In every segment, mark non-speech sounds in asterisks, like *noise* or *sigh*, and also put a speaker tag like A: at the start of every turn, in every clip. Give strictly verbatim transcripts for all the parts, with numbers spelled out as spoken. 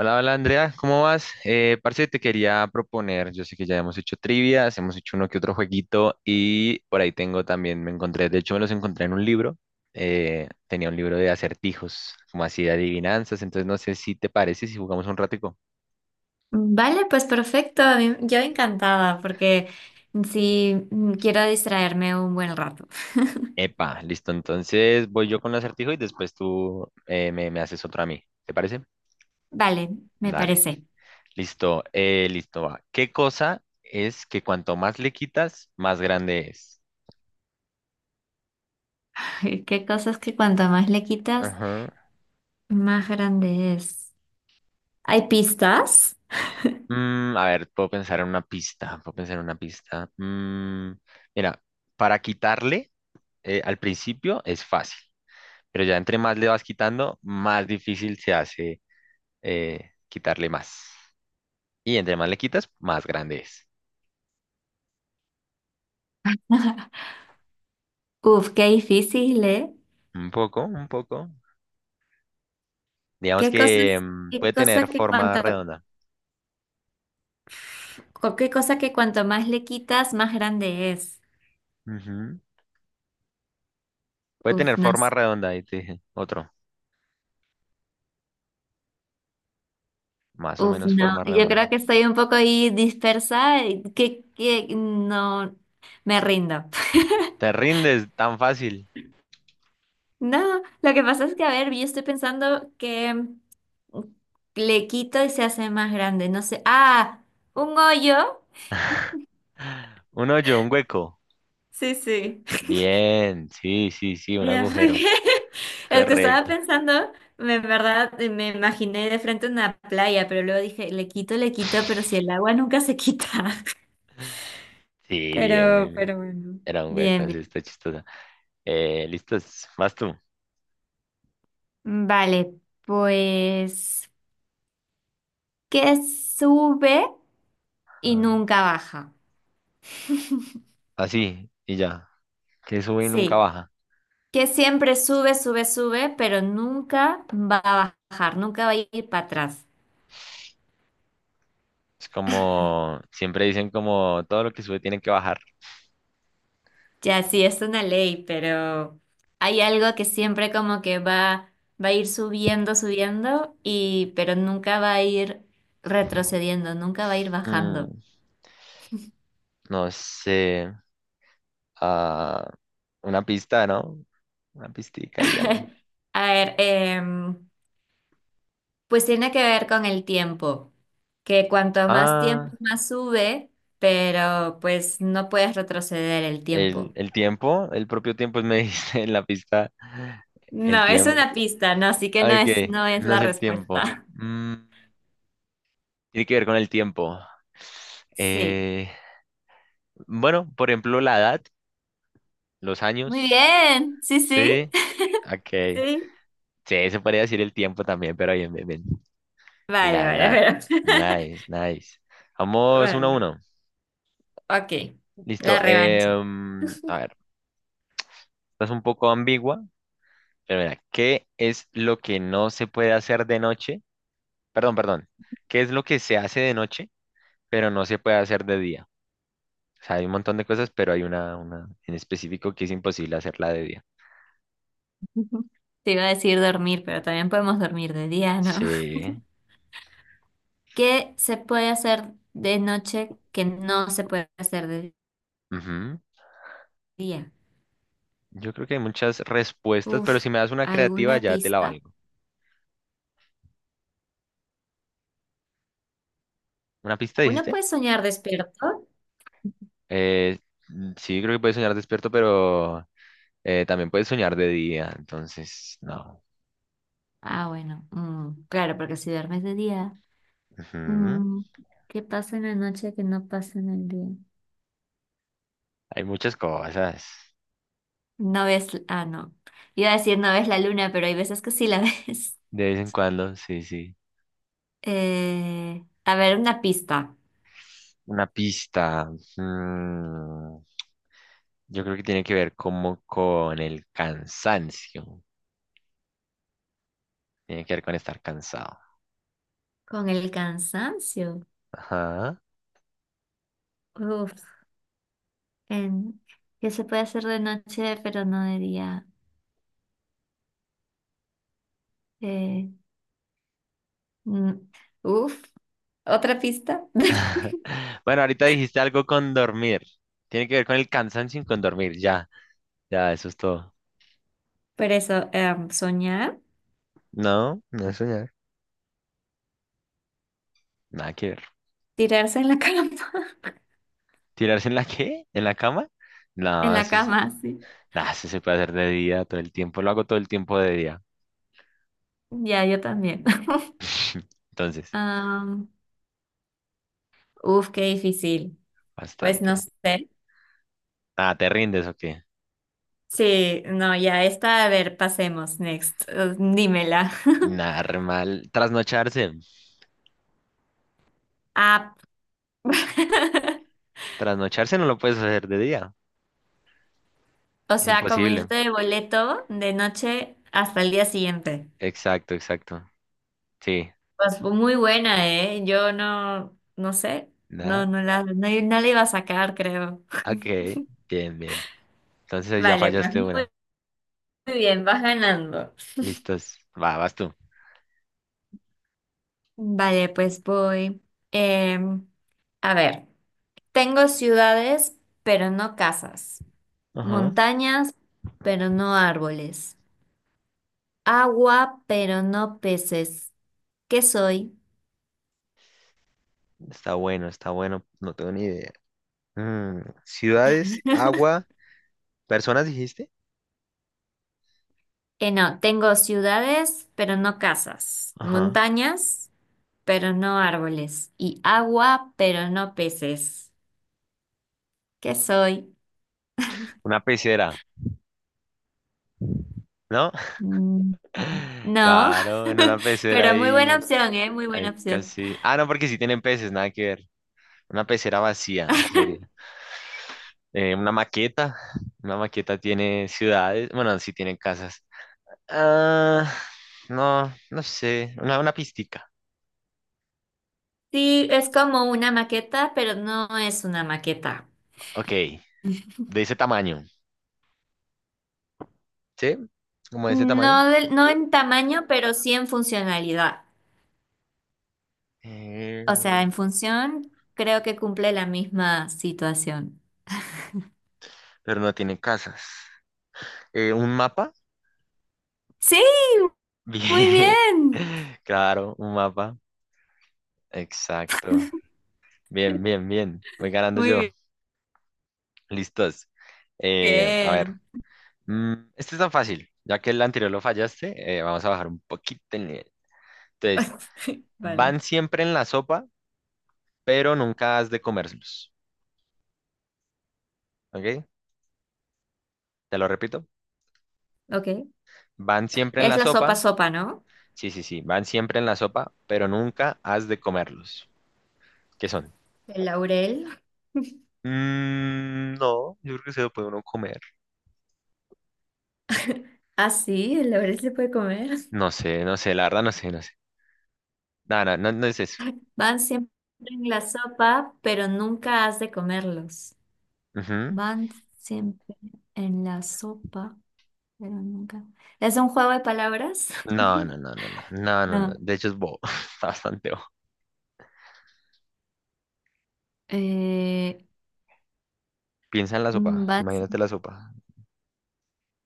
A: Hola, hola Andrea, ¿cómo vas? Eh, parce, te quería proponer, yo sé que ya hemos hecho trivias, hemos hecho uno que otro jueguito y por ahí tengo también, me encontré, de hecho me los encontré en un libro, eh, tenía un libro de acertijos, como así de adivinanzas, entonces no sé si te parece si jugamos un ratico.
B: Vale, pues perfecto. a mí- Yo encantada porque sí mm, quiero distraerme un buen rato. *laughs*
A: Epa, listo, entonces voy yo con el acertijo y después tú eh, me, me haces otro a mí, ¿te parece?
B: Vale, me
A: Dale,
B: parece.
A: listo, eh, listo, va. ¿Qué cosa es que cuanto más le quitas, más grande es?
B: *laughs* Qué cosas que cuanto más le quitas,
A: Ajá.
B: más grande es. ¿Hay pistas?
A: Mm, a ver, puedo pensar en una pista, puedo pensar en una pista. Mm, mira, para quitarle eh, al principio es fácil, pero ya entre más le vas quitando, más difícil se hace eh, quitarle más. Y entre más le quitas, más grande es.
B: Uf, qué difícil, ¿eh?
A: Un poco, un poco. Digamos
B: ¿Qué
A: que
B: cosas,
A: mm,
B: qué
A: puede tener
B: cosa que
A: forma
B: cuanto,
A: redonda.
B: co- qué cosa que cuanto más le quitas, más grande es?
A: Ujú. Puede
B: Uf,
A: tener
B: no,
A: forma
B: s-
A: redonda, ahí te dije. Otro, más o
B: uf,
A: menos
B: no.
A: forma
B: Yo creo
A: redonda.
B: que estoy un poco ahí dispersa. y Que, que no, me rindo.
A: Te rindes tan fácil.
B: No, lo que pasa es que, a ver, yo estoy pensando que mm, le quito y se hace más grande. No sé. Ah, un hoyo.
A: *laughs* Un hoyo, un hueco.
B: Sí, sí.
A: Bien, sí, sí, sí, un
B: Ya, *laughs*
A: agujero.
B: porque el que estaba
A: Correcto.
B: pensando, me- en verdad, me imaginé de frente una playa, pero luego dije, le quito, le quito, pero si el agua nunca se quita. *laughs*
A: Sí, bien,
B: Pero,
A: bien, bien.
B: pero bueno.
A: Era un hueco,
B: Bien,
A: así
B: bien.
A: está chistosa. Eh, ¿listos? Vas tú.
B: Mm, Vale, pues, ¿qué sube y
A: Ah,
B: nunca baja?
A: así, y ya. Que sube y nunca
B: Sí,
A: baja.
B: que siempre sube, sube, sube, pero nunca va a bajar, nunca va a ir para atrás.
A: Es como, siempre dicen como todo lo que sube tiene que bajar.
B: Ya sí, es una ley, pero hay algo que siempre como que va, va a ir subiendo, subiendo, y, pero nunca va a ir retrocediendo, nunca va a ir
A: Mm,
B: bajando.
A: no sé. Ah, una pista, ¿no? Una pistica y algo.
B: *laughs* A ver, em, pues tiene que ver con el tiempo, que cuanto más tiempo
A: Ah,
B: más sube, pero pues no puedes retroceder el
A: el,
B: tiempo.
A: el tiempo, el propio tiempo *laughs* me dice en la pista. El
B: No, es
A: tiempo.
B: una pista, no, así que no es,
A: Ok,
B: no es
A: no es
B: la
A: el tiempo.
B: respuesta. *laughs*
A: Mm, tiene que ver con el tiempo.
B: Sí.
A: Eh, bueno, por ejemplo, la edad, los
B: Muy
A: años.
B: bien. Sí, sí.
A: Sí,
B: *laughs*
A: ok.
B: Sí.
A: Sí, se podría decir el tiempo también, pero bien, bien, bien.
B: Vale,
A: La
B: vale,
A: edad.
B: pero.
A: Nice, nice.
B: *laughs*
A: Vamos uno a
B: Vale.
A: uno.
B: Ok. La
A: Listo.
B: revancha.
A: em, a ver, esta es un poco ambigua, pero mira, ¿qué es lo que no se puede hacer de noche? Perdón, perdón. ¿Qué es lo que se hace de noche, pero no se puede hacer de día? O sea, hay un montón de cosas, pero hay una, una en específico que es imposible hacerla de día.
B: *laughs* Te iba a decir dormir, pero también podemos dormir de día, ¿no? *laughs*
A: Sí.
B: ¿Qué se puede hacer de noche que no se puede hacer de
A: Ujú.
B: día?
A: Yo creo que hay muchas respuestas, pero
B: Uf,
A: si me das una creativa
B: ¿alguna
A: ya te la
B: pista?
A: valgo. ¿Una pista
B: Uno
A: dijiste?
B: puede soñar despierto.
A: Eh, mm, sí, creo que puedes soñar despierto, pero eh, también puedes soñar de día, entonces no.
B: Ah, bueno. Mm, claro, porque si duermes de día.
A: Ujú.
B: Mm, ¿Qué pasa en la noche que no pasa en el día?
A: Hay muchas cosas.
B: No ves, ah, no. Iba a decir no ves la luna, pero hay veces que sí la *laughs* ves.
A: De vez en cuando, sí, sí.
B: Eh, a ver, una pista.
A: Una pista. Mm, yo creo que tiene que ver como con el cansancio. Tiene que ver con estar cansado.
B: Con el cansancio.
A: Ajá.
B: Uf, en, ¿qué se puede hacer de noche pero no de día? Eh, mm, uf, otra pista. *laughs*
A: *laughs* Bueno, ahorita dijiste algo con dormir. Tiene que ver con el cansancio y con dormir. Ya, ya, eso es todo.
B: Pero eso, em, soñar,
A: No, no es soñar. Nada que ver.
B: tirarse en la cama. *laughs*
A: ¿Tirarse en la qué? ¿En la cama?
B: En
A: No,
B: la
A: eso es...
B: cama, sí.
A: nah, eso se puede hacer de día todo el tiempo. Lo hago todo el tiempo de día.
B: Ya, yo también. *laughs*
A: *laughs* Entonces,
B: Am, uf, qué difícil. Pues no
A: bastante.
B: sé.
A: Ah, ¿te rindes o qué?
B: Sí, no, ya está. A ver, pasemos. Next. Eh, Dímela. *laughs*
A: Nada, re mal. Trasnocharse.
B: Ah, *laughs*
A: Trasnocharse no lo puedes hacer de día.
B: o
A: Es
B: sea, como
A: imposible.
B: irte de boleto de noche hasta el día siguiente.
A: Exacto, exacto. Sí.
B: Pues fue muy buena, ¿eh? Yo no, no sé. No,
A: Nada.
B: no la, no, no la iba a sacar, creo.
A: Ok, bien, bien. Entonces
B: *laughs*
A: ahí ya
B: Vale, pues
A: fallaste
B: muy
A: una.
B: bien, vas ganando.
A: Listos. Va, vas tú.
B: Vale, pues voy. Em, a ver, tengo ciudades, pero no casas.
A: Ajá.
B: Montañas, pero no árboles. Agua, pero no peces. ¿Qué soy?
A: Está bueno, está bueno. No tengo ni idea. Mm, ciudades, agua, personas, dijiste.
B: Eh, no, tengo ciudades, pero no casas.
A: Ajá.
B: Montañas, pero no árboles. Y agua, pero no peces. ¿Qué soy?
A: Una pecera, ¿no?
B: Mm,
A: *laughs*
B: No,
A: Claro, en una
B: *laughs*
A: pecera
B: pero muy buena
A: hay,
B: opción, ¿eh? Muy buena
A: hay
B: opción.
A: casi. Ah, no, porque sí tienen peces, nada que ver. Una pecera vacía sería. Eh, una maqueta. Una maqueta tiene ciudades. Bueno, sí tiene casas. Ah, no, no sé. Una, una pistica.
B: Sí, es como una maqueta, pero no es una maqueta.
A: Ok. De ese tamaño, ¿sí? Como de ese tamaño.
B: No, del- no en tamaño, pero sí en funcionalidad. O sea,
A: Eh,
B: en función creo que cumple la misma situación.
A: pero no tiene casas. Eh, ¿un mapa?
B: Sí, muy
A: Bien.
B: bien.
A: *laughs* Claro, un mapa. Exacto. Bien, bien, bien. Voy ganando yo.
B: Muy
A: Listos. Eh, a ver.
B: bien.
A: Mm, este es tan fácil. Ya que el anterior lo fallaste, eh, vamos a bajar un poquito el nivel. Entonces,
B: *laughs* Vale.
A: van siempre en la sopa, pero nunca has de comerlos. ¿Ok? Te lo repito.
B: Ok.
A: Van siempre en
B: ¿Es
A: la
B: la sopa
A: sopa,
B: sopa, no?
A: sí, sí, sí, van siempre en la sopa, pero nunca has de comerlos. ¿Qué son?
B: El laurel.
A: Mm, no, yo creo que se lo puede uno comer.
B: Ah, sí, el laurel se puede comer.
A: No sé, no sé, la verdad no sé, no sé. No, no, no, no es eso.
B: Van siempre en la sopa, pero nunca has de comerlos.
A: Ujú.
B: Van siempre en la sopa, pero nunca. ¿Es un juego de palabras? *laughs*
A: No, no, no, no, no, no, no, no.
B: No.
A: De hecho es bobo, *laughs* está bastante bobo.
B: Eh,
A: Piensa en la
B: mm,
A: sopa,
B: van
A: imagínate la sopa,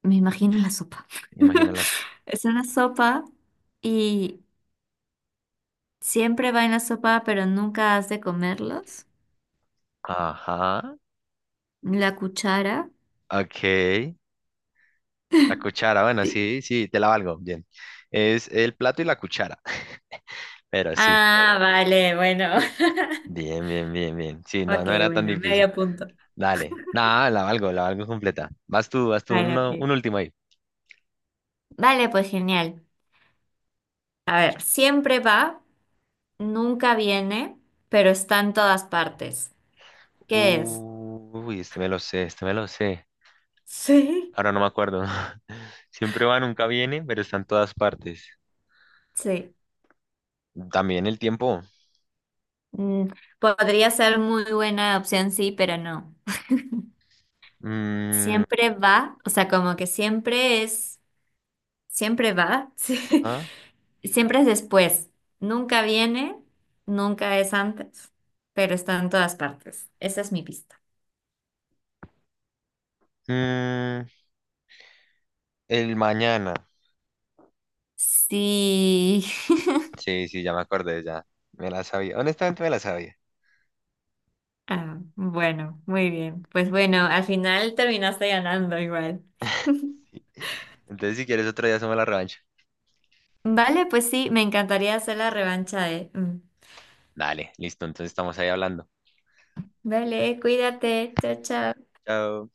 B: Me imagino la sopa.
A: imagina
B: *laughs*
A: la sopa.
B: Es una sopa y siempre va en la sopa, pero nunca has de comerlos.
A: Ajá,
B: La cuchara.
A: ok. La cuchara, bueno,
B: Sí.
A: sí, sí, te la valgo, bien. Es el plato y la cuchara, *laughs* pero sí,
B: Ah, vale, bueno. *laughs*
A: bien, bien, bien, bien. Sí, no,
B: Ok,
A: no era tan
B: bueno,
A: difícil.
B: medio punto.
A: Dale. Nada, la valgo, la valgo completa. Vas tú, vas tú,
B: Vale,
A: uno-
B: ok.
A: un último ahí.
B: Vale, pues genial. A ver, siempre va, nunca viene, pero está en todas partes. ¿Qué es?
A: Uy, este me lo sé, este me lo sé.
B: Sí.
A: Ahora no me acuerdo. *laughs* Siempre va, nunca viene, pero está en todas partes.
B: Sí.
A: También el tiempo.
B: Mm, Podría ser muy buena opción, sí, pero no.
A: Mm,
B: Siempre va, o sea, como que siempre es, siempre va, *laughs* sí,
A: ajá.
B: siempre es después, nunca viene, nunca es antes, pero está en todas partes. Esa es mi pista.
A: Mm, el mañana.
B: Sí. *laughs*
A: Sí, sí, ya me acordé, ya. Me la sabía. Honestamente me la sabía.
B: Ah, bueno, muy bien. Pues bueno, al final terminaste ganando igual.
A: Sí. Entonces, si quieres otro día, hacemos la revancha.
B: Vale, pues sí, me encantaría hacer la revancha de... mm.
A: Dale, listo. Entonces estamos ahí hablando.
B: Vale, cuídate. Chao, chao.
A: Chao.